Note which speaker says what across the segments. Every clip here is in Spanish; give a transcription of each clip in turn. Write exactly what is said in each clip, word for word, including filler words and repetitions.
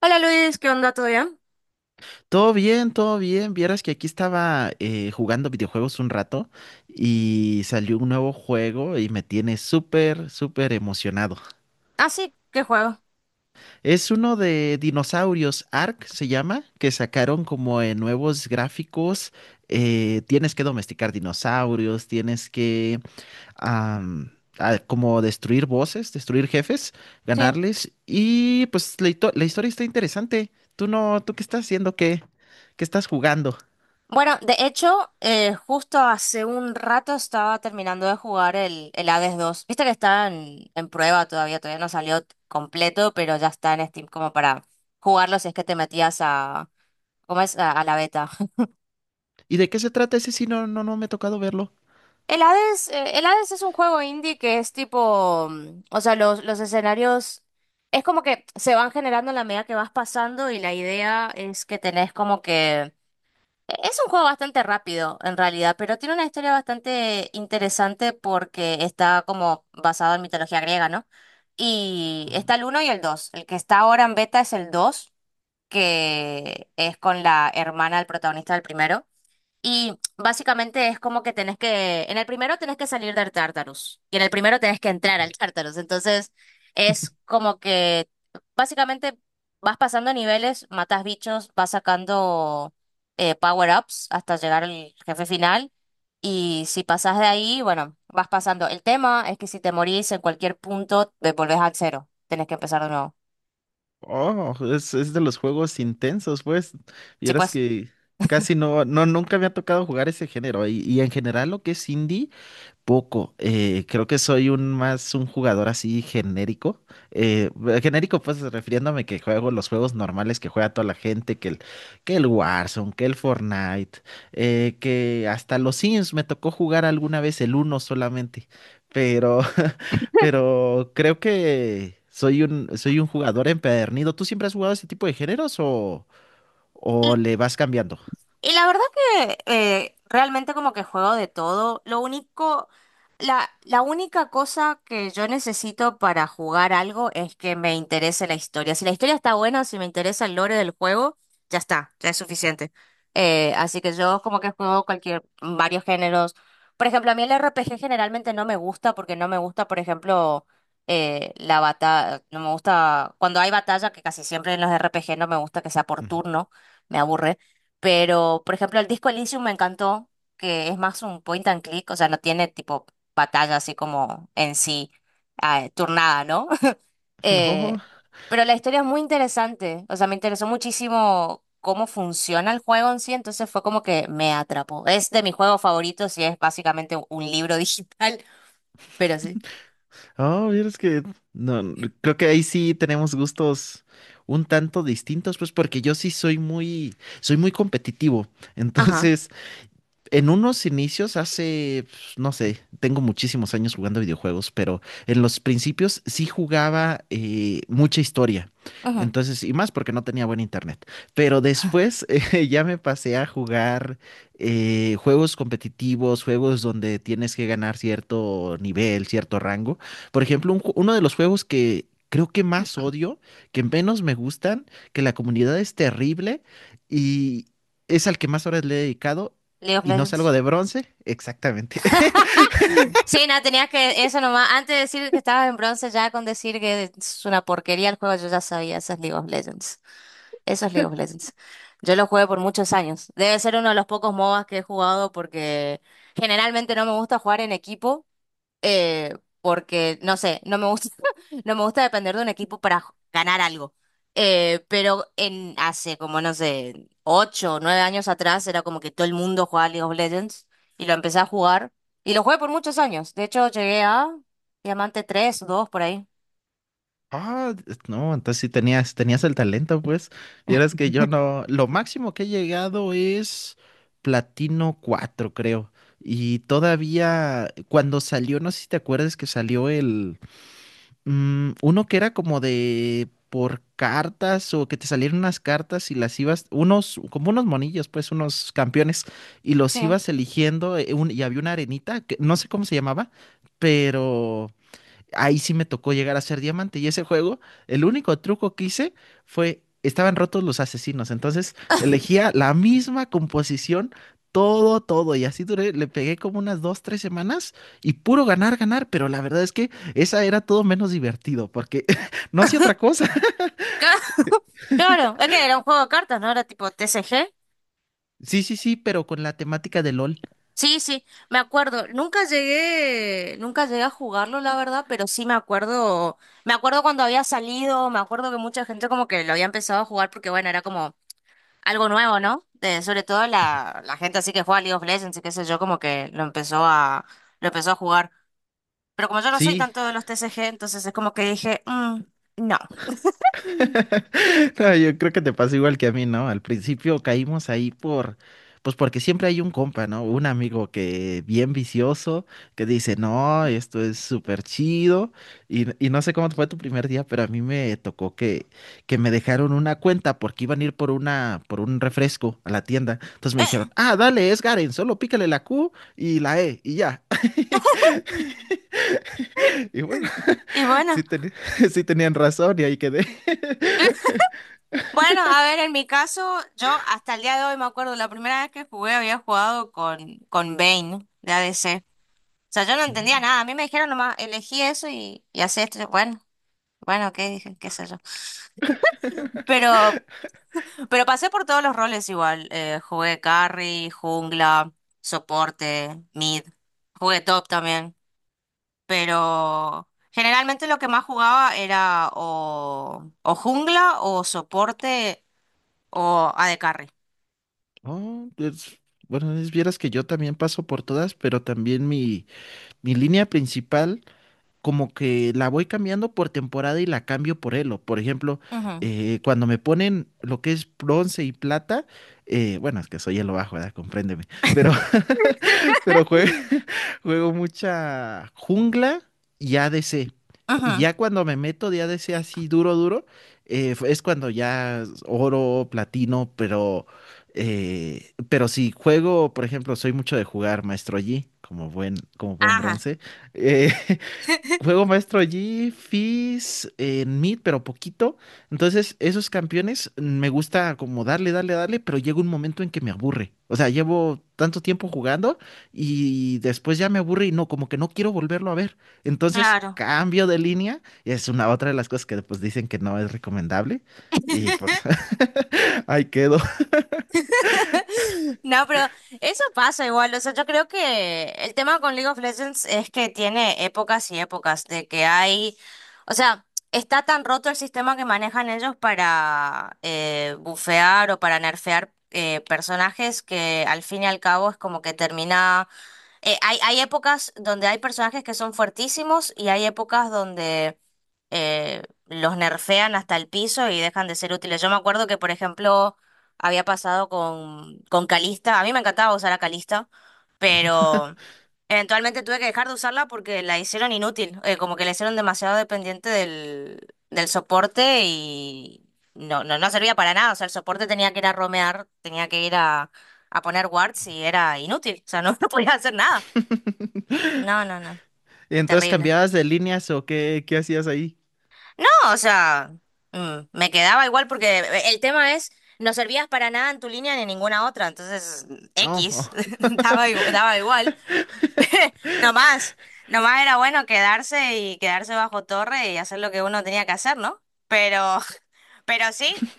Speaker 1: Hola Luis, ¿qué onda? ¿Todo bien?
Speaker 2: Todo bien, todo bien. Vieras que aquí estaba eh, jugando videojuegos un rato y salió un nuevo juego y me tiene súper, súper emocionado.
Speaker 1: Ah, sí, ¿qué juego?
Speaker 2: Es uno de dinosaurios, Ark se llama, que sacaron como en nuevos gráficos. Eh, tienes que domesticar dinosaurios, tienes que am, ah, como destruir bosses, destruir jefes,
Speaker 1: Sí.
Speaker 2: ganarles. Y pues la, hito- la historia está interesante. ¿Tú no, tú qué estás haciendo? ¿Qué, qué estás jugando?
Speaker 1: Bueno, de hecho, eh, justo hace un rato estaba terminando de jugar el, el Hades dos. Viste que está en, en prueba todavía, todavía no salió t- completo, pero ya está en Steam como para jugarlo si es que te metías a, ¿cómo es? A, a la beta.
Speaker 2: ¿Y de qué se trata ese? Sí, no, no, no me ha tocado verlo.
Speaker 1: El Hades, eh, el Hades es un juego indie que es tipo, mm, o sea, los, los escenarios es como que se van generando en la medida que vas pasando y la idea es que tenés como que. Es un juego bastante rápido, en realidad, pero tiene una historia bastante interesante porque está como basado en mitología griega, ¿no? Y está el uno y el dos. El que está ahora en beta es el dos, que es con la hermana del protagonista del primero. Y básicamente es como que tenés que, en el primero tenés que salir del Tartarus y en el primero tenés que entrar al Tartarus. Entonces es como que básicamente vas pasando niveles, matas bichos, vas sacando eh, power-ups hasta llegar al jefe final. Y si pasás de ahí, bueno, vas pasando. El tema es que si te morís en cualquier punto, te volvés al cero. Tenés que empezar de nuevo.
Speaker 2: Oh, es, es de los juegos intensos, pues.
Speaker 1: Sí,
Speaker 2: Vieras
Speaker 1: pues.
Speaker 2: que casi no, no, nunca me ha tocado jugar ese género. Y, y en general lo que es indie. Poco, eh, creo que soy un más un jugador así genérico. Eh, eh, genérico, pues refiriéndome que juego los juegos normales que juega toda la gente, que el, que el Warzone, que el Fortnite, eh, que hasta los Sims me tocó jugar alguna vez el uno solamente. Pero, pero creo que soy un, soy un jugador empedernido. ¿Tú siempre has jugado ese tipo de géneros o, o le vas cambiando?
Speaker 1: Y la verdad que eh, realmente como que juego de todo. Lo único, la, la única cosa que yo necesito para jugar algo es que me interese la historia. Si la historia está buena, si me interesa el lore del juego, ya está, ya es suficiente. Eh, así que yo como que juego cualquier, varios géneros. Por ejemplo, a mí el R P G generalmente no me gusta porque no me gusta, por ejemplo, eh, la batalla, no me gusta, cuando hay batalla, que casi siempre en los R P G no me gusta que sea por
Speaker 2: Ujú.
Speaker 1: turno, me aburre. Pero, por ejemplo, el disco Elysium me encantó, que es más un point and click, o sea, no tiene tipo batalla así como en sí, ah, turnada, ¿no?
Speaker 2: No.
Speaker 1: Eh, pero la historia es muy interesante, o sea, me interesó muchísimo cómo funciona el juego en sí, entonces fue como que me atrapó. Es de mis juegos favoritos y es básicamente un libro digital, pero sí.
Speaker 2: Oh, es que no, no, creo que ahí sí tenemos gustos un tanto distintos, pues porque yo sí soy muy, soy muy competitivo.
Speaker 1: Ajá.
Speaker 2: Entonces, en unos inicios, hace, pues, no sé, tengo muchísimos años jugando videojuegos, pero en los principios sí jugaba eh, mucha historia.
Speaker 1: Ujú.
Speaker 2: Entonces, y más porque no tenía buen internet. Pero después eh, ya me pasé a jugar eh, juegos competitivos, juegos donde tienes que ganar cierto nivel, cierto rango. Por ejemplo, un ju- uno de los juegos que creo que más odio, que menos me gustan, que la comunidad es terrible y es al que más horas le he dedicado
Speaker 1: League of
Speaker 2: y no salgo
Speaker 1: Legends.
Speaker 2: de bronce, exactamente.
Speaker 1: Sí, nada, tenías que, eso nomás, antes de decir que estabas en bronce, ya con decir que es una porquería el juego, yo ya sabía, esas League of Legends. Eso es League of Legends. Yo lo jugué por muchos años. Debe ser uno de los pocos M O B As que he jugado porque generalmente no me gusta jugar en equipo eh, porque, no sé, no me gusta, no me gusta depender de un equipo para j- ganar algo. Eh, pero en hace como, no sé, ocho o nueve años atrás era como que todo el mundo jugaba League of Legends y lo empecé a jugar y lo jugué por muchos años. De hecho, llegué a Diamante tres dos por ahí.
Speaker 2: Ah, no, entonces sí tenías, tenías el talento, pues. Y eras que yo no, lo máximo que he llegado es platino cuatro creo. Y todavía, cuando salió, no sé si te acuerdas que salió el, mm, uno que era como de por cartas o que te salieron unas cartas y las ibas, unos, como unos monillos, pues, unos campeones, y los
Speaker 1: Sí.
Speaker 2: ibas eligiendo, eh, un- y había una arenita, que no sé cómo se llamaba, pero ahí sí me tocó llegar a ser diamante. Y ese juego, el único truco que hice fue, estaban rotos los asesinos. Entonces elegía la misma composición, todo, todo. Y así duré, le pegué como unas dos, tres semanas y puro ganar, ganar. Pero la verdad es que esa era todo menos divertido porque no hacía otra cosa.
Speaker 1: Claro, es que era un juego de cartas, ¿no? Era tipo T C G.
Speaker 2: Sí, sí, sí, pero con la temática de LOL.
Speaker 1: Sí, sí, me acuerdo. Nunca llegué, nunca llegué a jugarlo, la verdad, pero sí me acuerdo, me acuerdo cuando había salido, me acuerdo que mucha gente como que lo había empezado a jugar porque bueno, era como algo nuevo, ¿no? Eh, sobre todo la, la gente así que juega League of Legends y qué sé yo, como que lo empezó a, lo empezó a jugar. Pero como yo no soy
Speaker 2: Sí,
Speaker 1: tanto de los T C G, entonces es como que dije, "Mm, no".
Speaker 2: no, yo creo que te pasa igual que a mí, ¿no? Al principio caímos ahí por, pues porque siempre hay un compa, ¿no? Un amigo que bien vicioso, que dice, no, esto es súper chido. Y, y no sé cómo fue tu primer día, pero a mí me tocó que, que me dejaron una cuenta porque iban a ir por una, por un refresco a la tienda. Entonces me dijeron, ah, dale, es Garen, solo pícale la Q y la E y ya. Y bueno,
Speaker 1: Y
Speaker 2: sí,
Speaker 1: bueno,
Speaker 2: teni- sí tenían razón y ahí quedé.
Speaker 1: claro. Bueno, a ver, en mi caso, yo hasta el día de hoy me acuerdo, la primera vez que jugué había jugado con, con Vayne de A D C. O sea, yo no entendía nada. A mí me dijeron nomás, elegí eso y, y hacé esto. Yo, Bueno, bueno, ok, dije, qué sé yo. Pero, pero pasé por todos los roles igual. Eh, jugué carry, jungla, soporte, mid. Jugué top también. Pero generalmente lo que más jugaba era o, o jungla o soporte o a AD carry.
Speaker 2: Oh, pues, bueno, es vieras que yo también paso por todas, pero también mi, mi línea principal, como que la voy cambiando por temporada y la cambio por elo. Por ejemplo,
Speaker 1: Ujú.
Speaker 2: eh, cuando me ponen lo que es bronce y plata, eh, bueno, es que soy elo bajo, ¿verdad? Compréndeme. Pero, pero juego juego mucha jungla y A D C. Y
Speaker 1: Ujú.
Speaker 2: ya cuando me meto de A D C así duro, duro, eh, es cuando ya es oro, platino, pero, eh, pero si juego, por ejemplo, soy mucho de jugar Maestro Yi, como buen, como buen
Speaker 1: Ajá.
Speaker 2: bronce. eh, Juego maestro allí, Fizz, en mid, pero poquito. Entonces, esos campeones mm, me gusta como darle, darle, darle, pero llega un momento en que me aburre. O sea, llevo tanto tiempo jugando y después ya me aburre y no, como que no quiero volverlo a ver. Entonces,
Speaker 1: Claro.
Speaker 2: cambio de línea. Y es una otra de las cosas que pues dicen que no es recomendable. Y pues ahí quedo.
Speaker 1: No, pero eso pasa igual. O sea, yo creo que el tema con League of Legends es que tiene épocas y épocas de que hay, o sea, está tan roto el sistema que manejan ellos para eh, bufear o para nerfear eh, personajes que al fin y al cabo es como que termina eh, hay, hay épocas donde hay personajes que son fuertísimos y hay épocas donde eh, los nerfean hasta el piso y dejan de ser útiles. Yo me acuerdo que, por ejemplo, había pasado con, con Calista. A mí me encantaba usar a Calista, pero eventualmente tuve que dejar de usarla porque la hicieron inútil. Eh, como que la hicieron demasiado dependiente del, del soporte y no, no, no servía para nada. O sea, el soporte tenía que ir a romear, tenía que ir a a poner wards y era inútil, o sea, no, no podía hacer nada. No, no, no,
Speaker 2: Y entonces,
Speaker 1: terrible.
Speaker 2: ¿cambiabas de líneas o qué, qué hacías ahí?
Speaker 1: No, o sea, mm, me quedaba igual porque eh, el tema es, no servías para nada en tu línea ni en ninguna otra, entonces mm,
Speaker 2: No.
Speaker 1: X, daba igual, daba igual. Nomás, nomás era bueno quedarse y quedarse bajo torre y hacer lo que uno tenía que hacer, ¿no? Pero, pero sí,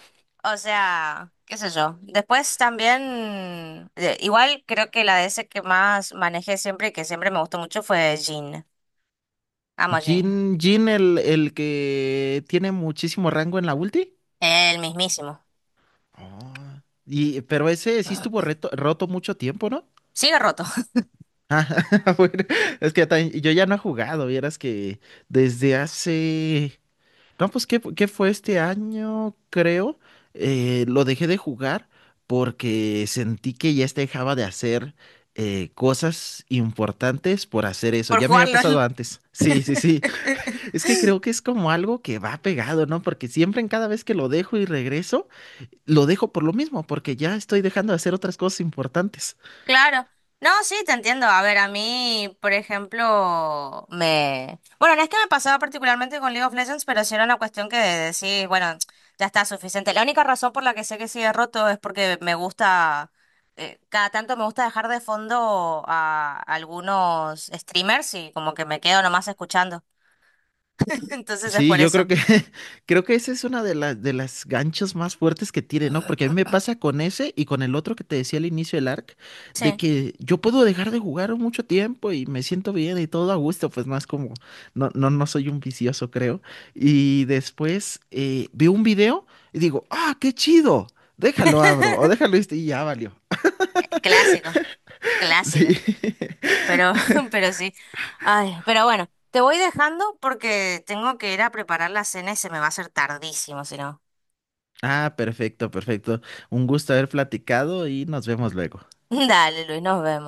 Speaker 1: o sea, qué sé yo. Después también, eh, igual creo que la D S que más manejé siempre y que siempre me gustó mucho fue Jin. Amo Jin,
Speaker 2: Jin, Jin el, el que tiene muchísimo rango en la ulti.
Speaker 1: el mismísimo.
Speaker 2: Ah. Y, pero ese sí estuvo reto- roto mucho tiempo, ¿no?
Speaker 1: Sigue roto
Speaker 2: Ah, bueno, es que tan- yo ya no he jugado, vieras que desde hace... No, pues, ¿qué, fu- qué fue este año? Creo. Eh, lo dejé de jugar porque sentí que ya se dejaba de hacer eh, cosas importantes por hacer eso.
Speaker 1: por
Speaker 2: Ya me
Speaker 1: jugar
Speaker 2: había pasado
Speaker 1: L O L.
Speaker 2: antes. Sí, sí, sí. Es que creo que es como algo que va pegado, ¿no? Porque siempre en cada vez que lo dejo y regreso, lo dejo por lo mismo, porque ya estoy dejando de hacer otras cosas importantes.
Speaker 1: Claro. No, sí, te entiendo. A ver, a mí, por ejemplo, me... Bueno, no es que me pasaba particularmente con League of Legends, pero sí era una cuestión que decís, bueno, ya está suficiente. La única razón por la que sé que sigue roto es porque me gusta, eh, cada tanto me gusta dejar de fondo a algunos streamers y como que me quedo nomás escuchando. Entonces es
Speaker 2: Sí,
Speaker 1: por
Speaker 2: yo creo
Speaker 1: eso.
Speaker 2: que creo que esa es una de las de las ganchos más fuertes que tiene, ¿no? Porque a mí me pasa con ese y con el otro que te decía al inicio del arc, de
Speaker 1: Sí.
Speaker 2: que yo puedo dejar de jugar mucho tiempo y me siento bien y todo a gusto, pues no es como, no, no, no soy un vicioso, creo. Y después eh, veo un video y digo, ah, qué chido, déjalo abro o déjalo este", y ya valió.
Speaker 1: Clásico,
Speaker 2: Sí.
Speaker 1: clásico. Pero, pero sí. Ay, pero bueno, te voy dejando porque tengo que ir a preparar la cena y se me va a hacer tardísimo, si no.
Speaker 2: Ah, perfecto, perfecto. Un gusto haber platicado y nos vemos luego.
Speaker 1: Dale, Luis, nos vemos.